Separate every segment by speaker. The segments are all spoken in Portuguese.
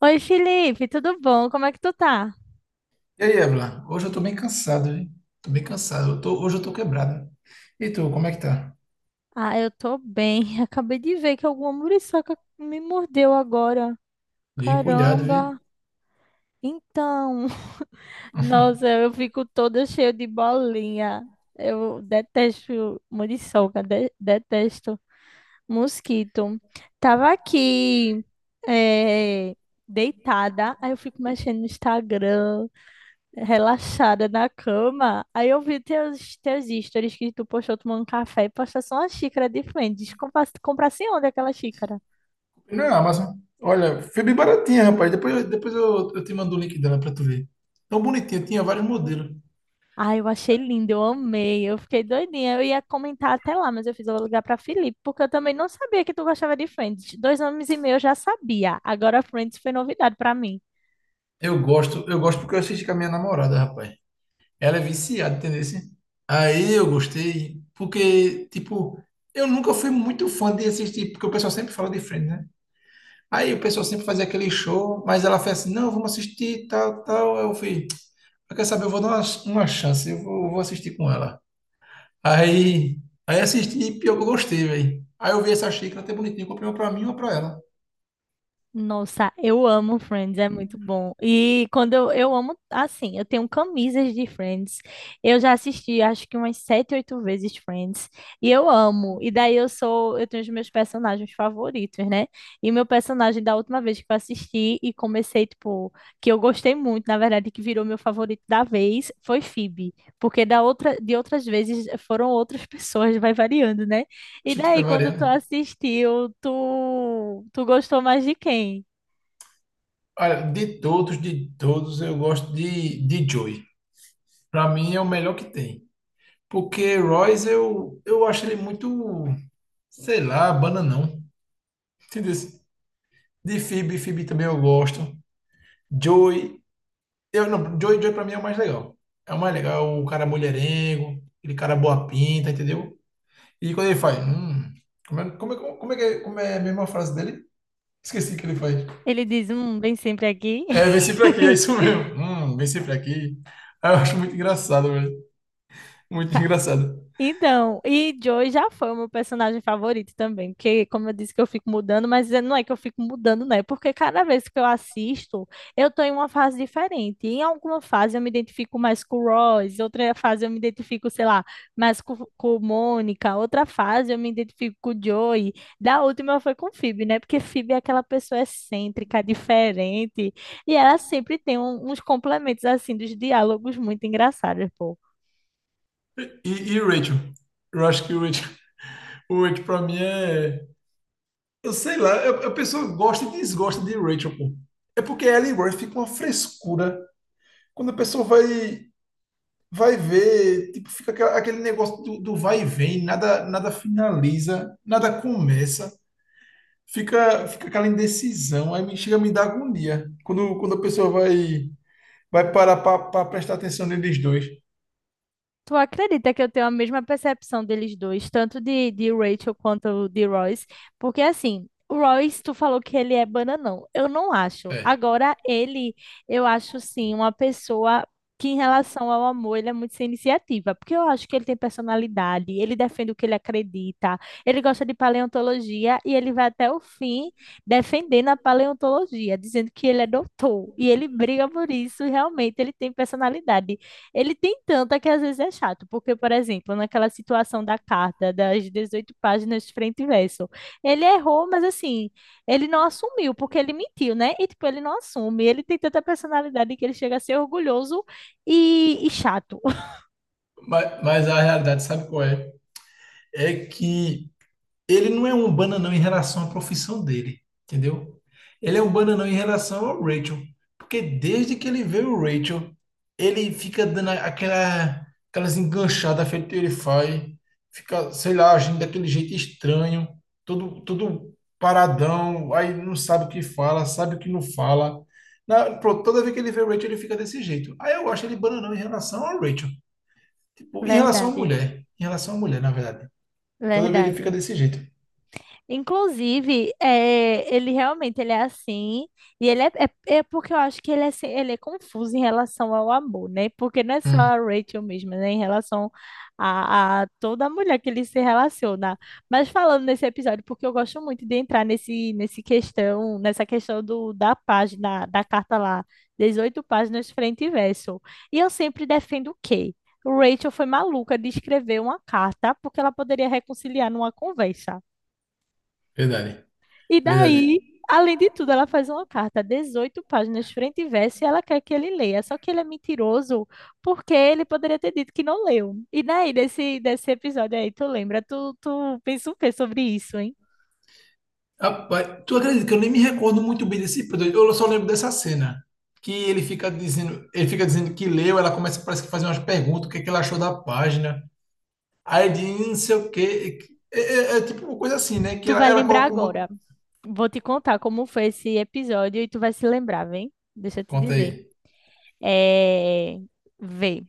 Speaker 1: Oi, Felipe, tudo bom? Como é que tu tá?
Speaker 2: E aí, Evelyn? Hoje eu tô bem cansado, viu? Tô bem cansado. Hoje eu tô quebrado. E tu, como é que tá?
Speaker 1: Ah, eu tô bem. Acabei de ver que alguma muriçoca me mordeu agora.
Speaker 2: E cuidado, viu?
Speaker 1: Caramba! Então, nossa, eu fico toda cheia de bolinha. Eu detesto muriçoca, detesto mosquito. Tava aqui, eh, deitada, aí eu fico mexendo no Instagram. Relaxada na cama. Aí eu vi teus stories que tu postou tomando café e postou só uma xícara diferente, frente. Comprasse onde aquela xícara?
Speaker 2: Não, é, Amazon. Olha, foi bem baratinha, rapaz. Depois eu te mando o link dela pra tu ver. Tão bonitinha, tinha vários modelos.
Speaker 1: Ai, eu achei lindo, eu amei, eu fiquei doidinha. Eu ia comentar até lá, mas eu vou ligar pra Felipe, porque eu também não sabia que tu gostava de Friends. 2 anos e meio eu já sabia, agora Friends foi novidade pra mim.
Speaker 2: Eu gosto porque eu assisti com a minha namorada, rapaz. Ela é viciada, entendeu? Assim? Aí eu gostei, porque, tipo, eu nunca fui muito fã de assistir, porque o pessoal sempre fala de Friends, né? Aí o pessoal sempre fazia aquele show, mas ela fez assim, não, vamos assistir, tal, tal. Aí eu fui. Ela quer saber, eu vou dar uma chance, eu vou assistir com ela. Aí, aí assisti e pior que eu gostei, velho. Aí eu vi essa xícara até bonitinha, comprei uma pra mim e uma pra ela.
Speaker 1: Nossa, eu amo Friends, é muito bom. E quando eu amo, assim, eu tenho camisas de Friends. Eu já assisti, acho que umas sete, oito vezes Friends. E eu amo. E daí eu tenho os meus personagens favoritos, né? E meu personagem da última vez que eu assisti e comecei, tipo, que eu gostei muito, na verdade, que virou meu favorito da vez, foi Phoebe. Porque da outra, de outras vezes foram outras pessoas, vai variando, né? E
Speaker 2: Gente, tá
Speaker 1: daí, quando tu
Speaker 2: variando.
Speaker 1: assistiu, tu gostou mais de quem?
Speaker 2: Olha, de todos, eu gosto de Joey. Pra mim é o melhor que tem. Porque Royce, eu acho ele muito, sei lá, bananão. Entendeu? De Phoebe, Phoebe também eu gosto. Joey, eu não, Joey, Joey pra mim é o mais legal. É o mais legal, o cara mulherengo, aquele cara boa pinta, entendeu? E quando ele faz, como é a mesma frase dele? Esqueci que ele faz.
Speaker 1: Ele diz, vem sempre aqui.
Speaker 2: É, vem sempre aqui, é isso mesmo. Vem sempre aqui. Ah, eu acho muito engraçado, velho. Muito engraçado.
Speaker 1: Então, e Joey já foi o meu personagem favorito também, porque, como eu disse que eu fico mudando, mas não é que eu fico mudando, né? Porque cada vez que eu assisto, eu tô em uma fase diferente. Em alguma fase eu me identifico mais com o Royce, outra fase eu me identifico, sei lá, mais com Mônica, outra fase eu me identifico com o Joey. Da última foi com Phoebe, né? Porque Phoebe é aquela pessoa excêntrica, diferente, e ela sempre tem uns complementos, assim, dos diálogos muito engraçados, pô.
Speaker 2: E o Rachel? Eu acho que o Rachel pra mim é. Eu sei lá, a pessoa gosta e desgosta de Rachel, pô. É porque ela e Rory ficam uma frescura. Quando a pessoa vai ver, tipo, fica aquele negócio do vai e vem, nada, nada finaliza, nada começa, fica aquela indecisão, aí me chega a me dar agonia quando, quando a pessoa vai, vai parar para prestar atenção neles dois.
Speaker 1: Tu acredita que eu tenho a mesma percepção deles dois, tanto de Rachel quanto de Royce? Porque assim, o Royce, tu falou que ele é bananão. Eu não acho.
Speaker 2: É.
Speaker 1: Agora, ele, eu acho sim, uma pessoa que, em relação ao amor, ele é muito sem iniciativa. Porque eu acho que ele tem personalidade, ele defende o que ele acredita, ele gosta de paleontologia e ele vai até o fim defendendo a paleontologia, dizendo que ele é doutor. E ele briga por isso, e realmente ele tem personalidade. Ele tem tanta que às vezes é chato, porque, por exemplo, naquela situação da carta, das 18 páginas de frente e verso, ele errou, mas assim, ele não assumiu, porque ele mentiu, né? E, tipo, ele não assume. Ele tem tanta personalidade que ele chega a ser orgulhoso e chato.
Speaker 2: Mas a realidade, sabe qual é? É que ele não é um bananão em relação à profissão dele, entendeu? Ele é um bananão em relação ao Rachel, porque desde que ele vê o Rachel, ele fica dando aquela, aquelas enganchadas feito ele faz, fica, sei lá, agindo daquele jeito estranho, todo, todo paradão, aí não sabe o que fala, sabe o que não fala. Pronto, toda vez que ele vê o Rachel, ele fica desse jeito. Aí eu acho ele bananão em relação ao Rachel, tipo, em relação à
Speaker 1: Verdade,
Speaker 2: mulher, em relação à mulher, na verdade. Toda vez ele fica
Speaker 1: verdade.
Speaker 2: desse jeito.
Speaker 1: Inclusive, é, ele realmente ele é assim, e ele é, é porque eu acho que ele é, ele é confuso em relação ao amor, né? Porque não é só a Rachel mesmo, né? Em relação a toda mulher que ele se relaciona. Mas falando nesse episódio, porque eu gosto muito de entrar nessa questão da página, da carta lá, 18 páginas frente e verso. E eu sempre defendo o quê? Rachel foi maluca de escrever uma carta porque ela poderia reconciliar numa conversa.
Speaker 2: Verdade.
Speaker 1: E
Speaker 2: Verdade.
Speaker 1: daí, além de tudo, ela faz uma carta, 18 páginas, frente e verso, e ela quer que ele leia. Só que ele é mentiroso, porque ele poderia ter dito que não leu. E daí, desse episódio aí, tu lembra? Tu, tu pensa o quê sobre isso, hein?
Speaker 2: Rapaz, tu acredita que eu nem me recordo muito bem desse episódio? Eu só lembro dessa cena. Que ele fica dizendo que leu, ela começa, parece que fazer umas perguntas, o que é que ela achou da página. Aí ele diz, não sei o quê." É tipo uma coisa assim, né? Que
Speaker 1: Tu
Speaker 2: ela,
Speaker 1: vai
Speaker 2: ela
Speaker 1: lembrar
Speaker 2: coloca um.
Speaker 1: agora. Vou te contar como foi esse episódio e tu vai se lembrar, vem? Deixa eu te
Speaker 2: Conta
Speaker 1: dizer.
Speaker 2: aí.
Speaker 1: É... Vê.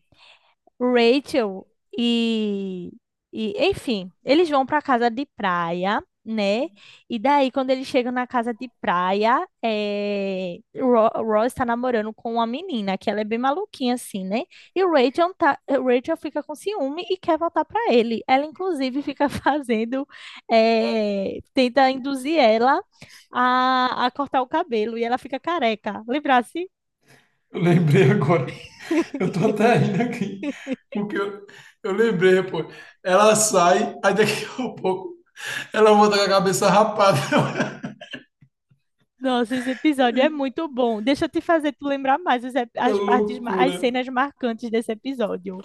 Speaker 1: Rachel e, e enfim, eles vão para casa de praia, né? E daí, quando eles chegam na casa de praia, é, Ross está namorando com uma menina, que ela é bem maluquinha, assim, né? E o Rachel, tá, Rachel fica com ciúme e quer voltar para ele. Ela, inclusive, fica fazendo, é, tenta induzir ela a cortar o cabelo e ela fica careca. Lembrasse?
Speaker 2: Eu lembrei agora. Eu tô até rindo aqui, porque eu lembrei, pô. Ela sai, aí daqui a pouco ela volta com a cabeça rapada.
Speaker 1: Nossa, esse episódio é muito bom. Deixa eu te fazer tu lembrar mais os
Speaker 2: É
Speaker 1: as, partes, as
Speaker 2: loucura.
Speaker 1: cenas marcantes desse episódio.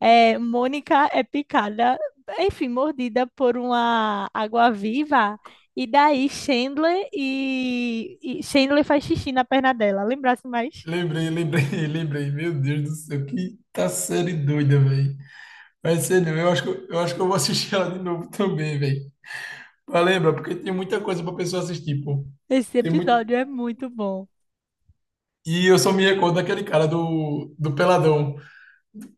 Speaker 1: É, Mônica é picada, enfim, mordida por uma água-viva. E daí Chandler e Chandler faz xixi na perna dela. Lembrasse mais?
Speaker 2: Lembrei, lembrei, lembrei. Meu Deus do céu, que tá série doida, velho. Mas ser não. Eu acho que eu vou assistir ela de novo também, velho. Mas lembra, porque tem muita coisa pra pessoa assistir, pô.
Speaker 1: Esse
Speaker 2: Tem muito...
Speaker 1: episódio é muito bom.
Speaker 2: E eu só me recordo daquele cara do Peladão.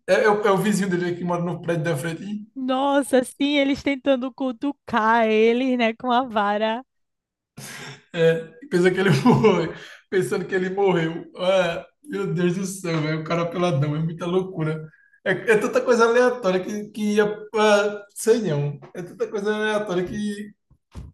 Speaker 2: É o vizinho dele que mora no prédio da frente.
Speaker 1: Nossa, sim, eles tentando cutucar eles, né, com a vara.
Speaker 2: É, pensa que ele foi pensando que ele morreu. Ah, meu Deus do céu, velho, o cara é peladão, é muita loucura. É, é tanta coisa aleatória que ia. Ah, sei não. É tanta coisa aleatória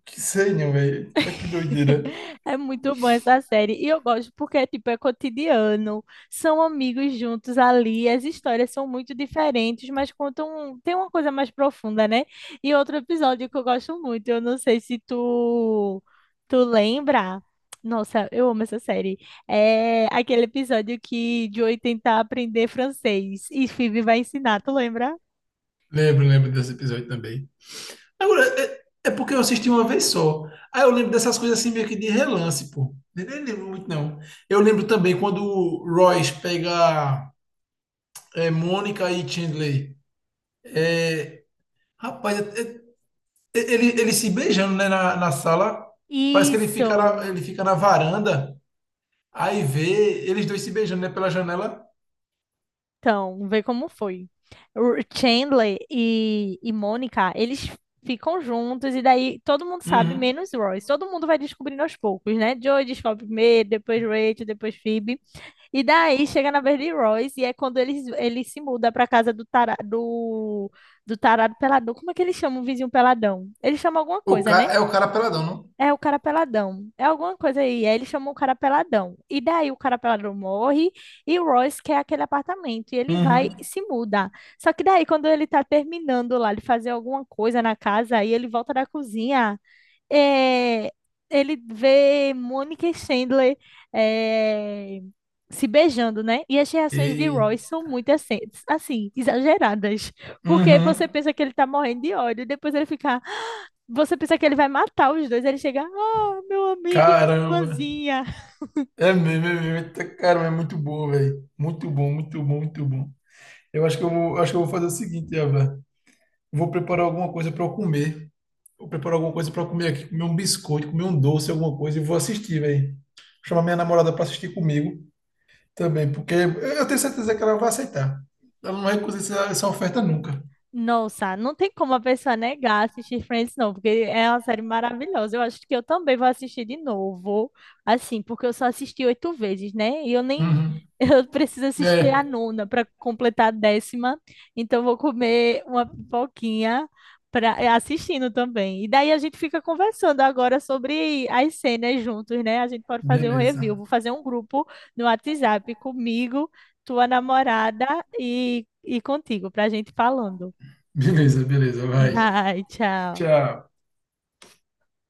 Speaker 2: que sei não, velho. Tá que doideira.
Speaker 1: É muito bom essa série. E eu gosto porque, tipo, é cotidiano. São amigos juntos ali. As histórias são muito diferentes, mas contam... um, tem uma coisa mais profunda, né? E outro episódio que eu gosto muito, eu não sei se tu... Tu lembra? Nossa, eu amo essa série. É aquele episódio que Joey tenta aprender francês e Phoebe vai ensinar, tu lembra?
Speaker 2: Lembro, lembro desse episódio também. Agora, é porque eu assisti uma vez só. Aí eu lembro dessas coisas assim meio que de relance, pô. Nem lembro muito, não. Eu lembro também quando o Royce pega é, Mônica e Chandler. É, rapaz, é ele, ele se beijando, né, na, na sala. Parece que
Speaker 1: Isso!
Speaker 2: ele fica na varanda. Aí vê eles dois se beijando, né, pela janela.
Speaker 1: Então, vê como foi. O Chandler e Mônica, eles ficam juntos e daí todo mundo sabe,
Speaker 2: Uhum.
Speaker 1: menos Royce. Todo mundo vai descobrindo aos poucos, né? Joey descobre primeiro, depois Rachel, depois Phoebe. E daí chega na vez de Royce e é quando eles ele se muda pra casa do tarado, do tarado peladão. Como é que eles chamam o vizinho peladão? Eles chamam alguma
Speaker 2: O
Speaker 1: coisa,
Speaker 2: ca...
Speaker 1: né?
Speaker 2: É o cara peladão, não?
Speaker 1: É o cara peladão. É alguma coisa aí. Aí ele chamou o cara peladão. E daí o cara peladão morre e o Royce quer aquele apartamento. E ele vai e
Speaker 2: Uhum.
Speaker 1: se muda. Só que daí, quando ele tá terminando lá de fazer alguma coisa na casa, aí ele volta da cozinha. é, Ele vê Mônica e Chandler é, se beijando, né? E as reações de
Speaker 2: E
Speaker 1: Royce são muito exageradas. Porque
Speaker 2: uhum.
Speaker 1: você pensa que ele tá morrendo de ódio. E depois ele fica. Você pensa que ele vai matar os dois, ele chega, ah, meu amigo e minha
Speaker 2: Caramba.
Speaker 1: irmãzinha.
Speaker 2: É mesmo, é mesmo. Eita, caramba, é muito bom, velho. Muito bom, muito bom, muito bom. Eu acho que eu vou, acho que eu vou fazer o seguinte, Eva. Vou preparar alguma coisa para eu comer. Vou preparar alguma coisa para eu comer aqui, comer um biscoito, comer um doce, alguma coisa e vou assistir, velho. Chamar minha namorada para assistir comigo. Também, porque eu tenho certeza que ela vai aceitar. Ela não vai recusar essa oferta nunca.
Speaker 1: Nossa, não tem como a pessoa negar assistir Friends, não, porque é uma série maravilhosa. Eu acho que eu também vou assistir de novo, assim, porque eu só assisti oito vezes, né? E eu nem.
Speaker 2: Uhum.
Speaker 1: Eu preciso assistir a
Speaker 2: É,
Speaker 1: nona para completar a 10ª, então eu vou comer uma pipoquinha pra, assistindo também. E daí a gente fica conversando agora sobre as cenas juntos, né? A gente pode fazer um review.
Speaker 2: beleza.
Speaker 1: Vou fazer um grupo no WhatsApp comigo, tua namorada e contigo, para a gente falando.
Speaker 2: Beleza, beleza, vai.
Speaker 1: Vai, tchau.
Speaker 2: Tchau.